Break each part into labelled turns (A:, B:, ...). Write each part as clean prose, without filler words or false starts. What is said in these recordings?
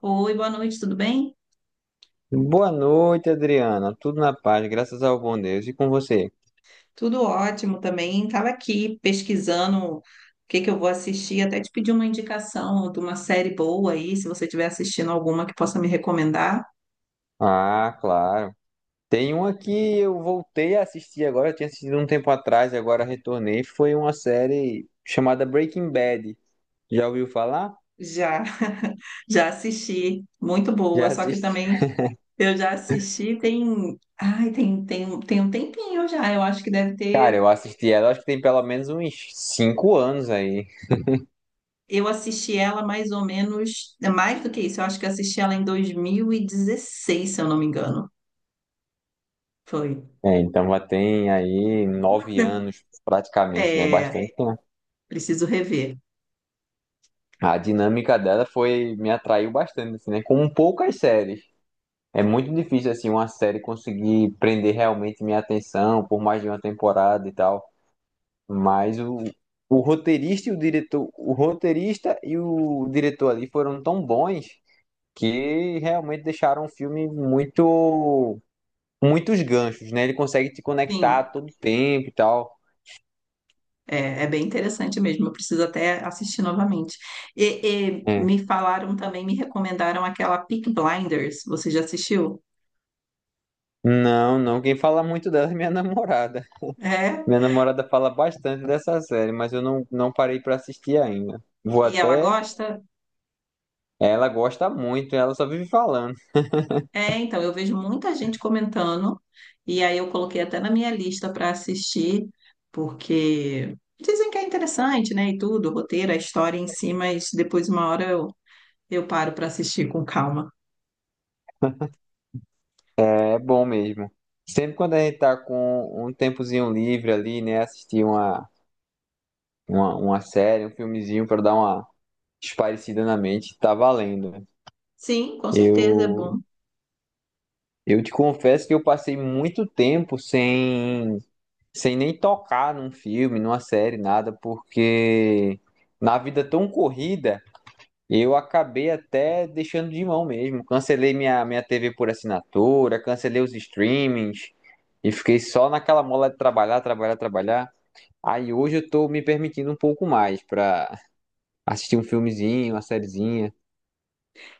A: Oi, boa noite, tudo bem?
B: Boa noite, Adriana. Tudo na paz, graças ao bom Deus. E com você?
A: Tudo ótimo também. Estava aqui pesquisando o que eu vou assistir, até te pedir uma indicação de uma série boa aí, se você estiver assistindo alguma que possa me recomendar.
B: Ah, claro. Tem uma que eu voltei a assistir agora, eu tinha assistido um tempo atrás e agora retornei. Foi uma série chamada Breaking Bad. Já ouviu falar?
A: Já, já assisti, muito
B: Já
A: boa, só que
B: assisti.
A: também eu já assisti tem, ai, tem um tempinho já, eu acho que deve
B: Cara,
A: ter,
B: eu assisti ela, acho que tem pelo menos uns 5 anos aí.
A: eu assisti ela mais ou menos, é mais do que isso, eu acho que eu assisti ela em 2016, se eu não me engano. Foi.
B: É, então já tem aí 9 anos praticamente, né?
A: É,
B: Bastante tempo.
A: preciso rever.
B: A dinâmica dela foi, me atraiu bastante, assim, né? Como poucas séries. É muito difícil assim uma série conseguir prender realmente minha atenção por mais de uma temporada e tal, mas o roteirista e o diretor, o roteirista e o diretor ali foram tão bons que realmente deixaram o filme muito muitos ganchos, né? Ele consegue te conectar a
A: Sim,
B: todo tempo e tal.
A: é, é bem interessante mesmo. Eu preciso até assistir novamente. E, e
B: É.
A: me falaram também, me recomendaram aquela Peaky Blinders. Você já assistiu?
B: Não, não, quem fala muito dela é minha namorada.
A: É?
B: Minha namorada fala bastante dessa série, mas eu não parei pra assistir ainda. Vou
A: E ela
B: até
A: gosta?
B: ela gosta muito, ela só vive falando.
A: É, então, eu vejo muita gente comentando. E aí eu coloquei até na minha lista para assistir, porque dizem que é interessante, né? E tudo, o roteiro, a história em si, mas depois, uma hora, eu paro para assistir com calma.
B: É bom mesmo. Sempre quando a gente tá com um tempozinho livre ali, né? Assistir uma série, um filmezinho pra dar uma espairecida na mente, tá valendo. Né?
A: Sim, com certeza é
B: Eu,
A: bom.
B: eu te confesso que eu passei muito tempo sem nem tocar num filme, numa série, nada, porque na vida tão corrida. Eu acabei até deixando de mão mesmo. Cancelei minha TV por assinatura, cancelei os streamings e fiquei só naquela mola de trabalhar, trabalhar, trabalhar. Aí hoje eu tô me permitindo um pouco mais pra assistir um filmezinho, uma sériezinha.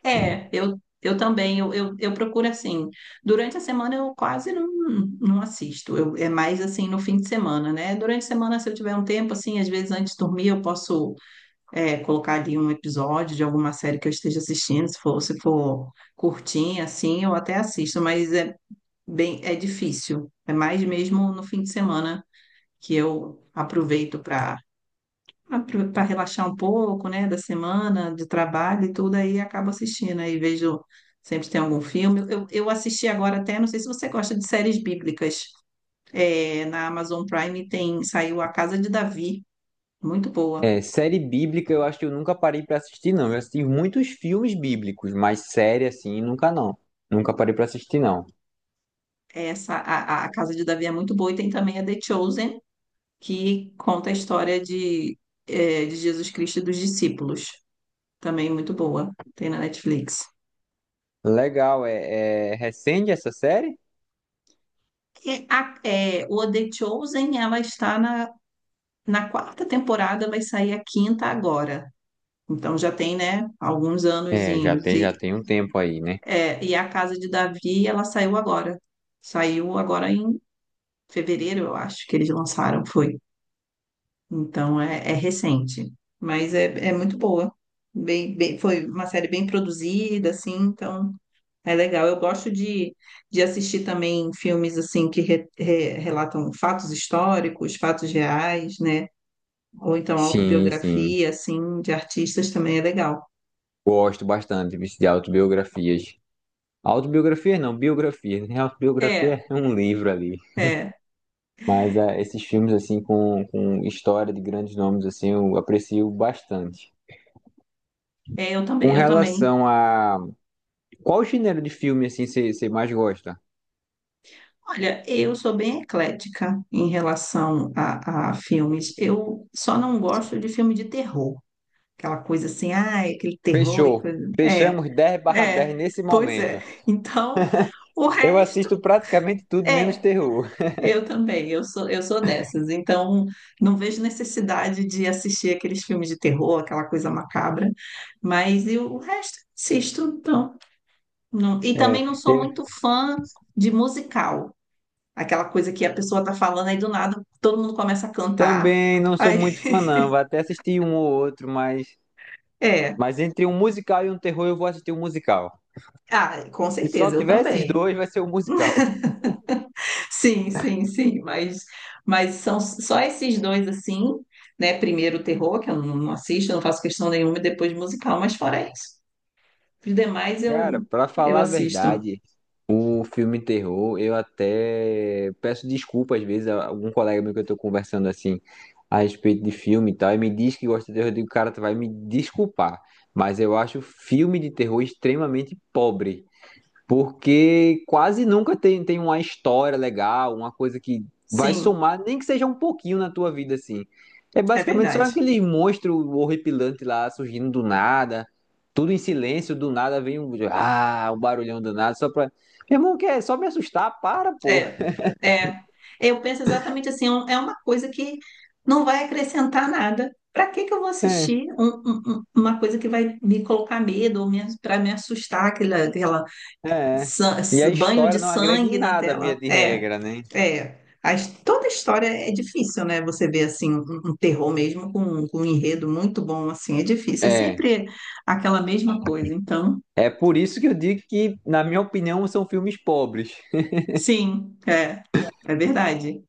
A: É, eu também, eu procuro assim, durante a semana eu quase não assisto, eu, é mais assim no fim de semana, né? Durante a semana, se eu tiver um tempo, assim, às vezes antes de dormir eu posso colocar ali um episódio de alguma série que eu esteja assistindo, se for curtinha, assim, eu até assisto, mas é bem, é difícil, é mais mesmo no fim de semana que eu aproveito para relaxar um pouco, né, da semana, de trabalho e tudo, aí acabo assistindo, aí vejo, sempre tem algum filme. Eu assisti agora até, não sei se você gosta de séries bíblicas, é, na Amazon Prime tem, saiu A Casa de Davi, muito boa.
B: É, série bíblica eu acho que eu nunca parei pra assistir, não. Eu assisti muitos filmes bíblicos, mas série assim, nunca não. Nunca parei pra assistir, não.
A: Essa, a Casa de Davi é muito boa e tem também a The Chosen, que conta a história de, é, de Jesus Cristo e dos discípulos, também muito boa, tem na Netflix.
B: Legal, é, é recente essa série?
A: E a- é, o The Chosen, ela está na Na quarta temporada vai sair a quinta agora. Então já tem, né, alguns
B: É,
A: anozinhos.
B: já
A: E,
B: tem um tempo aí, né?
A: é, e a Casa de Davi, ela saiu agora. Saiu agora em fevereiro, eu acho, que eles lançaram, foi. Então é, é recente. Mas é, é muito boa. Bem, bem- foi uma série bem produzida, assim, então é legal. Eu gosto de assistir também filmes, assim, que re- re- relatam fatos históricos, fatos reais, né? Ou então
B: Sim, sim.
A: autobiografia, assim, de artistas também é legal.
B: Gosto bastante vixe, de autobiografias. Autobiografias não, biografia, né?
A: É,
B: Autobiografia é um livro ali.
A: é,
B: Mas ah, esses filmes, assim, com história de grandes nomes, assim, eu aprecio bastante.
A: é,
B: Com
A: eu também.
B: relação a... Qual gênero de filme, assim, você mais gosta?
A: Olha, eu sou bem eclética em relação a filmes. Eu só não gosto de filme de terror. Aquela coisa assim, ah, aquele terror e
B: Fechou.
A: coisa. É,
B: Fechamos 10/10
A: é,
B: nesse
A: pois é.
B: momento.
A: Então, o
B: Eu
A: resto.
B: assisto praticamente tudo, menos
A: É,
B: terror.
A: eu também, eu sou dessas. Então, não vejo necessidade de assistir aqueles filmes de terror, aquela coisa macabra, mas eu, o resto assisto, então. Não. E também
B: É,
A: não sou
B: eu
A: muito fã de musical, aquela coisa que a pessoa tá falando aí do nada, todo mundo começa a cantar.
B: também não sou
A: Aí,
B: muito fã, não. Vou até assistir um ou outro, mas...
A: é,
B: Mas entre um musical e um terror, eu vou assistir um musical.
A: ah, com
B: Se só
A: certeza, eu
B: tiver esses
A: também.
B: dois, vai ser um musical.
A: Sim, sim, sim, mas são só esses dois assim, né? Primeiro o terror, que eu não assisto, não faço questão nenhuma, e depois musical, mas fora isso. Os demais
B: Cara, pra
A: eu
B: falar a
A: assisto.
B: verdade, o filme terror, eu até peço desculpa às vezes a algum colega meu que eu tô conversando assim a respeito de filme e tal, e me diz que gosta de terror, eu digo, cara, tu vai me desculpar, mas eu acho filme de terror extremamente pobre. Porque quase nunca tem, tem uma história legal, uma coisa que vai
A: Sim,
B: somar, nem que seja um pouquinho na tua vida, assim. É
A: é
B: basicamente só
A: verdade.
B: aquele monstro horripilante lá surgindo do nada, tudo em silêncio, do nada vem um, ah, um barulhão do nada, só pra. Meu irmão, quer só me assustar? Para, pô.
A: É, é. Eu penso exatamente assim, é um- é uma coisa que não vai acrescentar nada. Para que que eu vou
B: É,
A: assistir um- um- um- uma coisa que vai me colocar medo ou para me assustar, aquela
B: é. É.
A: san-
B: E
A: s-
B: a
A: banho de
B: história não agrega
A: sangue
B: em
A: na
B: nada,
A: tela?
B: via de
A: É,
B: regra, né?
A: é. As- toda história é difícil, né? Você vê assim um, um terror mesmo com um enredo muito bom, assim, é difícil. É
B: É.
A: sempre aquela mesma coisa. Então
B: É por isso que eu digo que, na minha opinião, são filmes pobres.
A: sim, é, é verdade.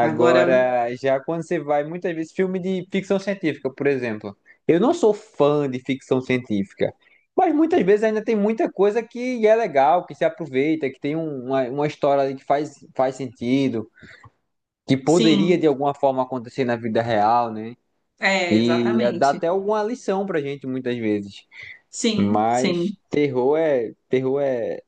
A: Agora,
B: já quando você vai, muitas vezes, filme de ficção científica, por exemplo. Eu não sou fã de ficção científica, mas muitas vezes ainda tem muita coisa que é legal, que se aproveita, que tem uma história ali que faz, faz sentido, que poderia
A: sim,
B: de alguma forma acontecer na vida real, né?
A: é,
B: E dá
A: exatamente.
B: até alguma lição pra gente muitas vezes.
A: Sim, sim,
B: Mas terror é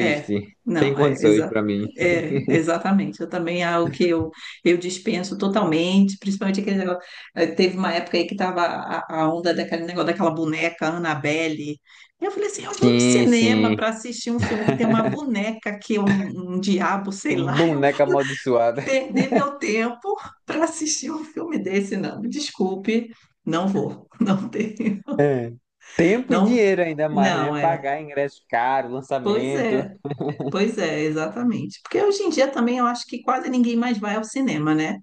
A: é.
B: sem
A: Não, é,
B: condições
A: exa
B: pra mim.
A: é, exatamente. Eu também, é algo que eu dispenso totalmente, principalmente aquele negócio. É, teve uma época aí que tava a onda daquele negócio daquela boneca Annabelle. Eu falei assim, eu vou no
B: Sim,
A: cinema
B: sim.
A: para assistir um filme que tem uma boneca que é um diabo, sei lá.
B: Boneca amaldiçoada.
A: Perder meu tempo para assistir um filme desse, não. Me desculpe, não vou, não tenho,
B: É. Tempo e
A: não,
B: dinheiro ainda mais, né?
A: não é.
B: Pagar ingresso caro,
A: Pois
B: lançamento.
A: é, pois é, exatamente. Porque hoje em dia também eu acho que quase ninguém mais vai ao cinema, né?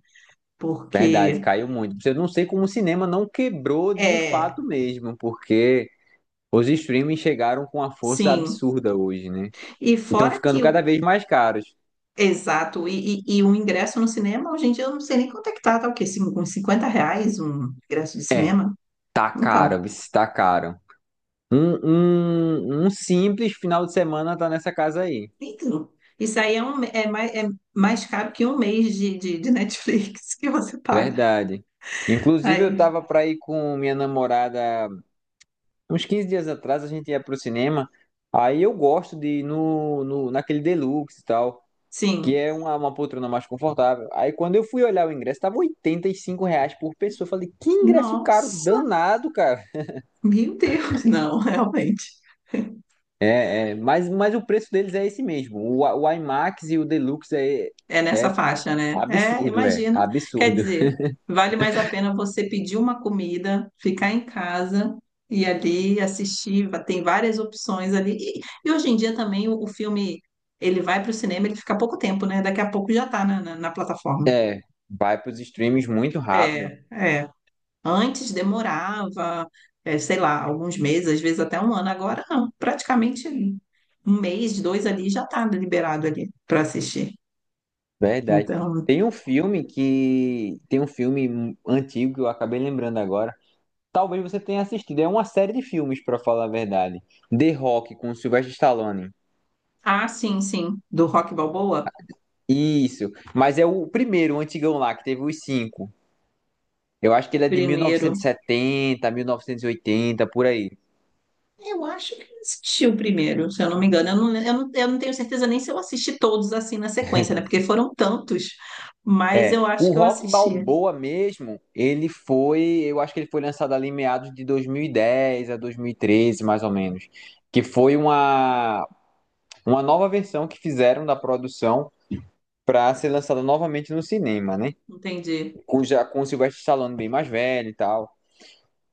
B: Verdade,
A: Porque
B: caiu muito. Eu não sei como o cinema não quebrou de fato
A: é,
B: mesmo, porque os streaming chegaram com uma força
A: sim.
B: absurda hoje, né?
A: E
B: então
A: fora
B: ficando
A: que o
B: cada vez mais caros.
A: exato, e o ingresso no cinema, hoje em dia eu não sei nem quanto é que tá, tá o quê? Cin- Uns R$ 50 um ingresso de
B: É,
A: cinema?
B: tá
A: Então,
B: caro, viu? Tá caro. Um, um simples final de semana tá nessa casa aí.
A: então, isso aí é, um, é mais caro que um mês de Netflix que você paga.
B: Verdade. Inclusive, eu
A: Aí,
B: tava pra ir com minha namorada uns 15 dias atrás a gente ia pro cinema. Aí eu gosto de ir no, no, naquele Deluxe e tal, que
A: sim.
B: é uma poltrona mais confortável. Aí quando eu fui olhar o ingresso, tava R$ 85 por pessoa. Eu falei, que ingresso caro,
A: Nossa,
B: danado, cara.
A: meu Deus, não, realmente.
B: É, é, mas o preço deles é esse mesmo. O IMAX e o Deluxe é,
A: É nessa
B: é
A: faixa, né? É,
B: absurdo, é
A: imagino. Quer
B: absurdo.
A: dizer, vale mais a pena você pedir uma comida, ficar em casa e ali assistir. Va- Tem várias opções ali. E hoje em dia também o filme, ele vai para o cinema, ele fica pouco tempo, né? Daqui a pouco já está na na plataforma.
B: É, vai pros streams muito rápido,
A: É, é. Antes demorava, eh, sei lá, alguns meses, às vezes até um ano. Agora não, praticamente um mês, dois ali já está liberado ali para assistir.
B: verdade.
A: Então,
B: Tem um filme que tem um filme antigo que eu acabei lembrando agora, talvez você tenha assistido. É uma série de filmes, pra falar a verdade. The Rock com Sylvester Stallone.
A: ah, sim, sim, do Rock Balboa,
B: Isso. Mas é o primeiro, o antigão lá, que teve os cinco. Eu acho que
A: o
B: ele é de
A: primeiro.
B: 1970, 1980, por aí.
A: Eu acho que eu assisti o primeiro, se eu não me engano. Eu não tenho certeza nem se eu assisti todos assim na sequência, né? Porque foram tantos, mas
B: É.
A: eu acho
B: O
A: que eu
B: Rock
A: assisti.
B: Balboa mesmo, ele foi. Eu acho que ele foi lançado ali em meados de 2010 a 2013, mais ou menos. Que foi uma nova versão que fizeram da produção pra ser lançada novamente no cinema, né?
A: Entendi.
B: Com, já com o Sylvester Stallone bem mais velho e tal.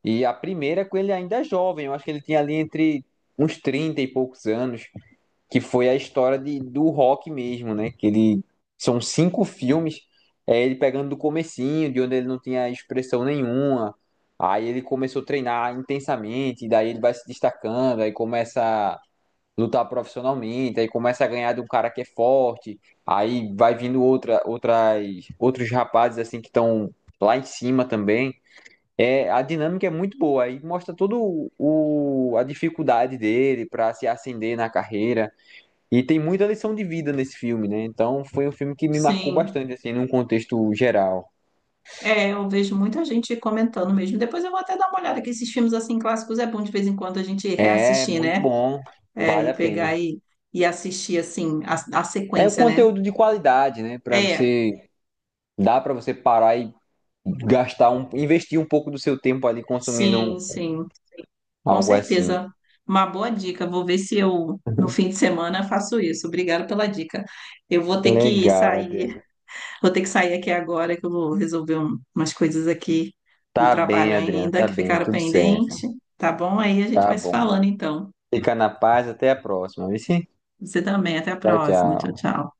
B: E a primeira com ele ainda é jovem, eu acho que ele tinha ali entre uns 30 e poucos anos, que foi a história de, do rock mesmo, né? Que ele são cinco filmes, é ele pegando do comecinho, de onde ele não tinha expressão nenhuma. Aí ele começou a treinar intensamente, e daí ele vai se destacando, aí começa lutar profissionalmente, aí começa a ganhar de um cara que é forte, aí vai vindo outros rapazes assim que estão lá em cima também. É, a dinâmica é muito boa, aí mostra a dificuldade dele para se ascender na carreira e tem muita lição de vida nesse filme, né? Então foi um filme que me marcou
A: Sim.
B: bastante assim, num contexto geral.
A: É, eu vejo muita gente comentando mesmo. Depois eu vou até dar uma olhada, que esses filmes assim clássicos é bom de vez em quando a gente
B: É
A: reassistir,
B: muito
A: né?
B: bom,
A: É,
B: vale
A: e
B: a
A: pegar
B: pena.
A: e assistir assim a
B: É o
A: sequência, né?
B: conteúdo de qualidade, né? Para
A: É,
B: você dá para você parar e gastar um, investir um pouco do seu tempo ali consumindo um-
A: sim, sim, com
B: algo assim.
A: certeza. Uma boa dica. Vou ver se eu no fim de semana faço isso. Obrigada pela dica. Eu vou ter que
B: Legal,
A: sair,
B: Adriana.
A: vou ter que sair aqui agora que eu vou resolver um- umas coisas aqui do
B: Tá bem,
A: trabalho
B: Adriana,
A: ainda
B: tá
A: que
B: bem,
A: ficaram
B: tudo
A: pendentes,
B: certo.
A: tá bom? Aí a gente
B: Tá
A: vai se
B: bom.
A: falando então.
B: Fica na paz, até a próxima, viu? Tchau,
A: Você também. Até a próxima. Tchau,
B: tchau.
A: tchau.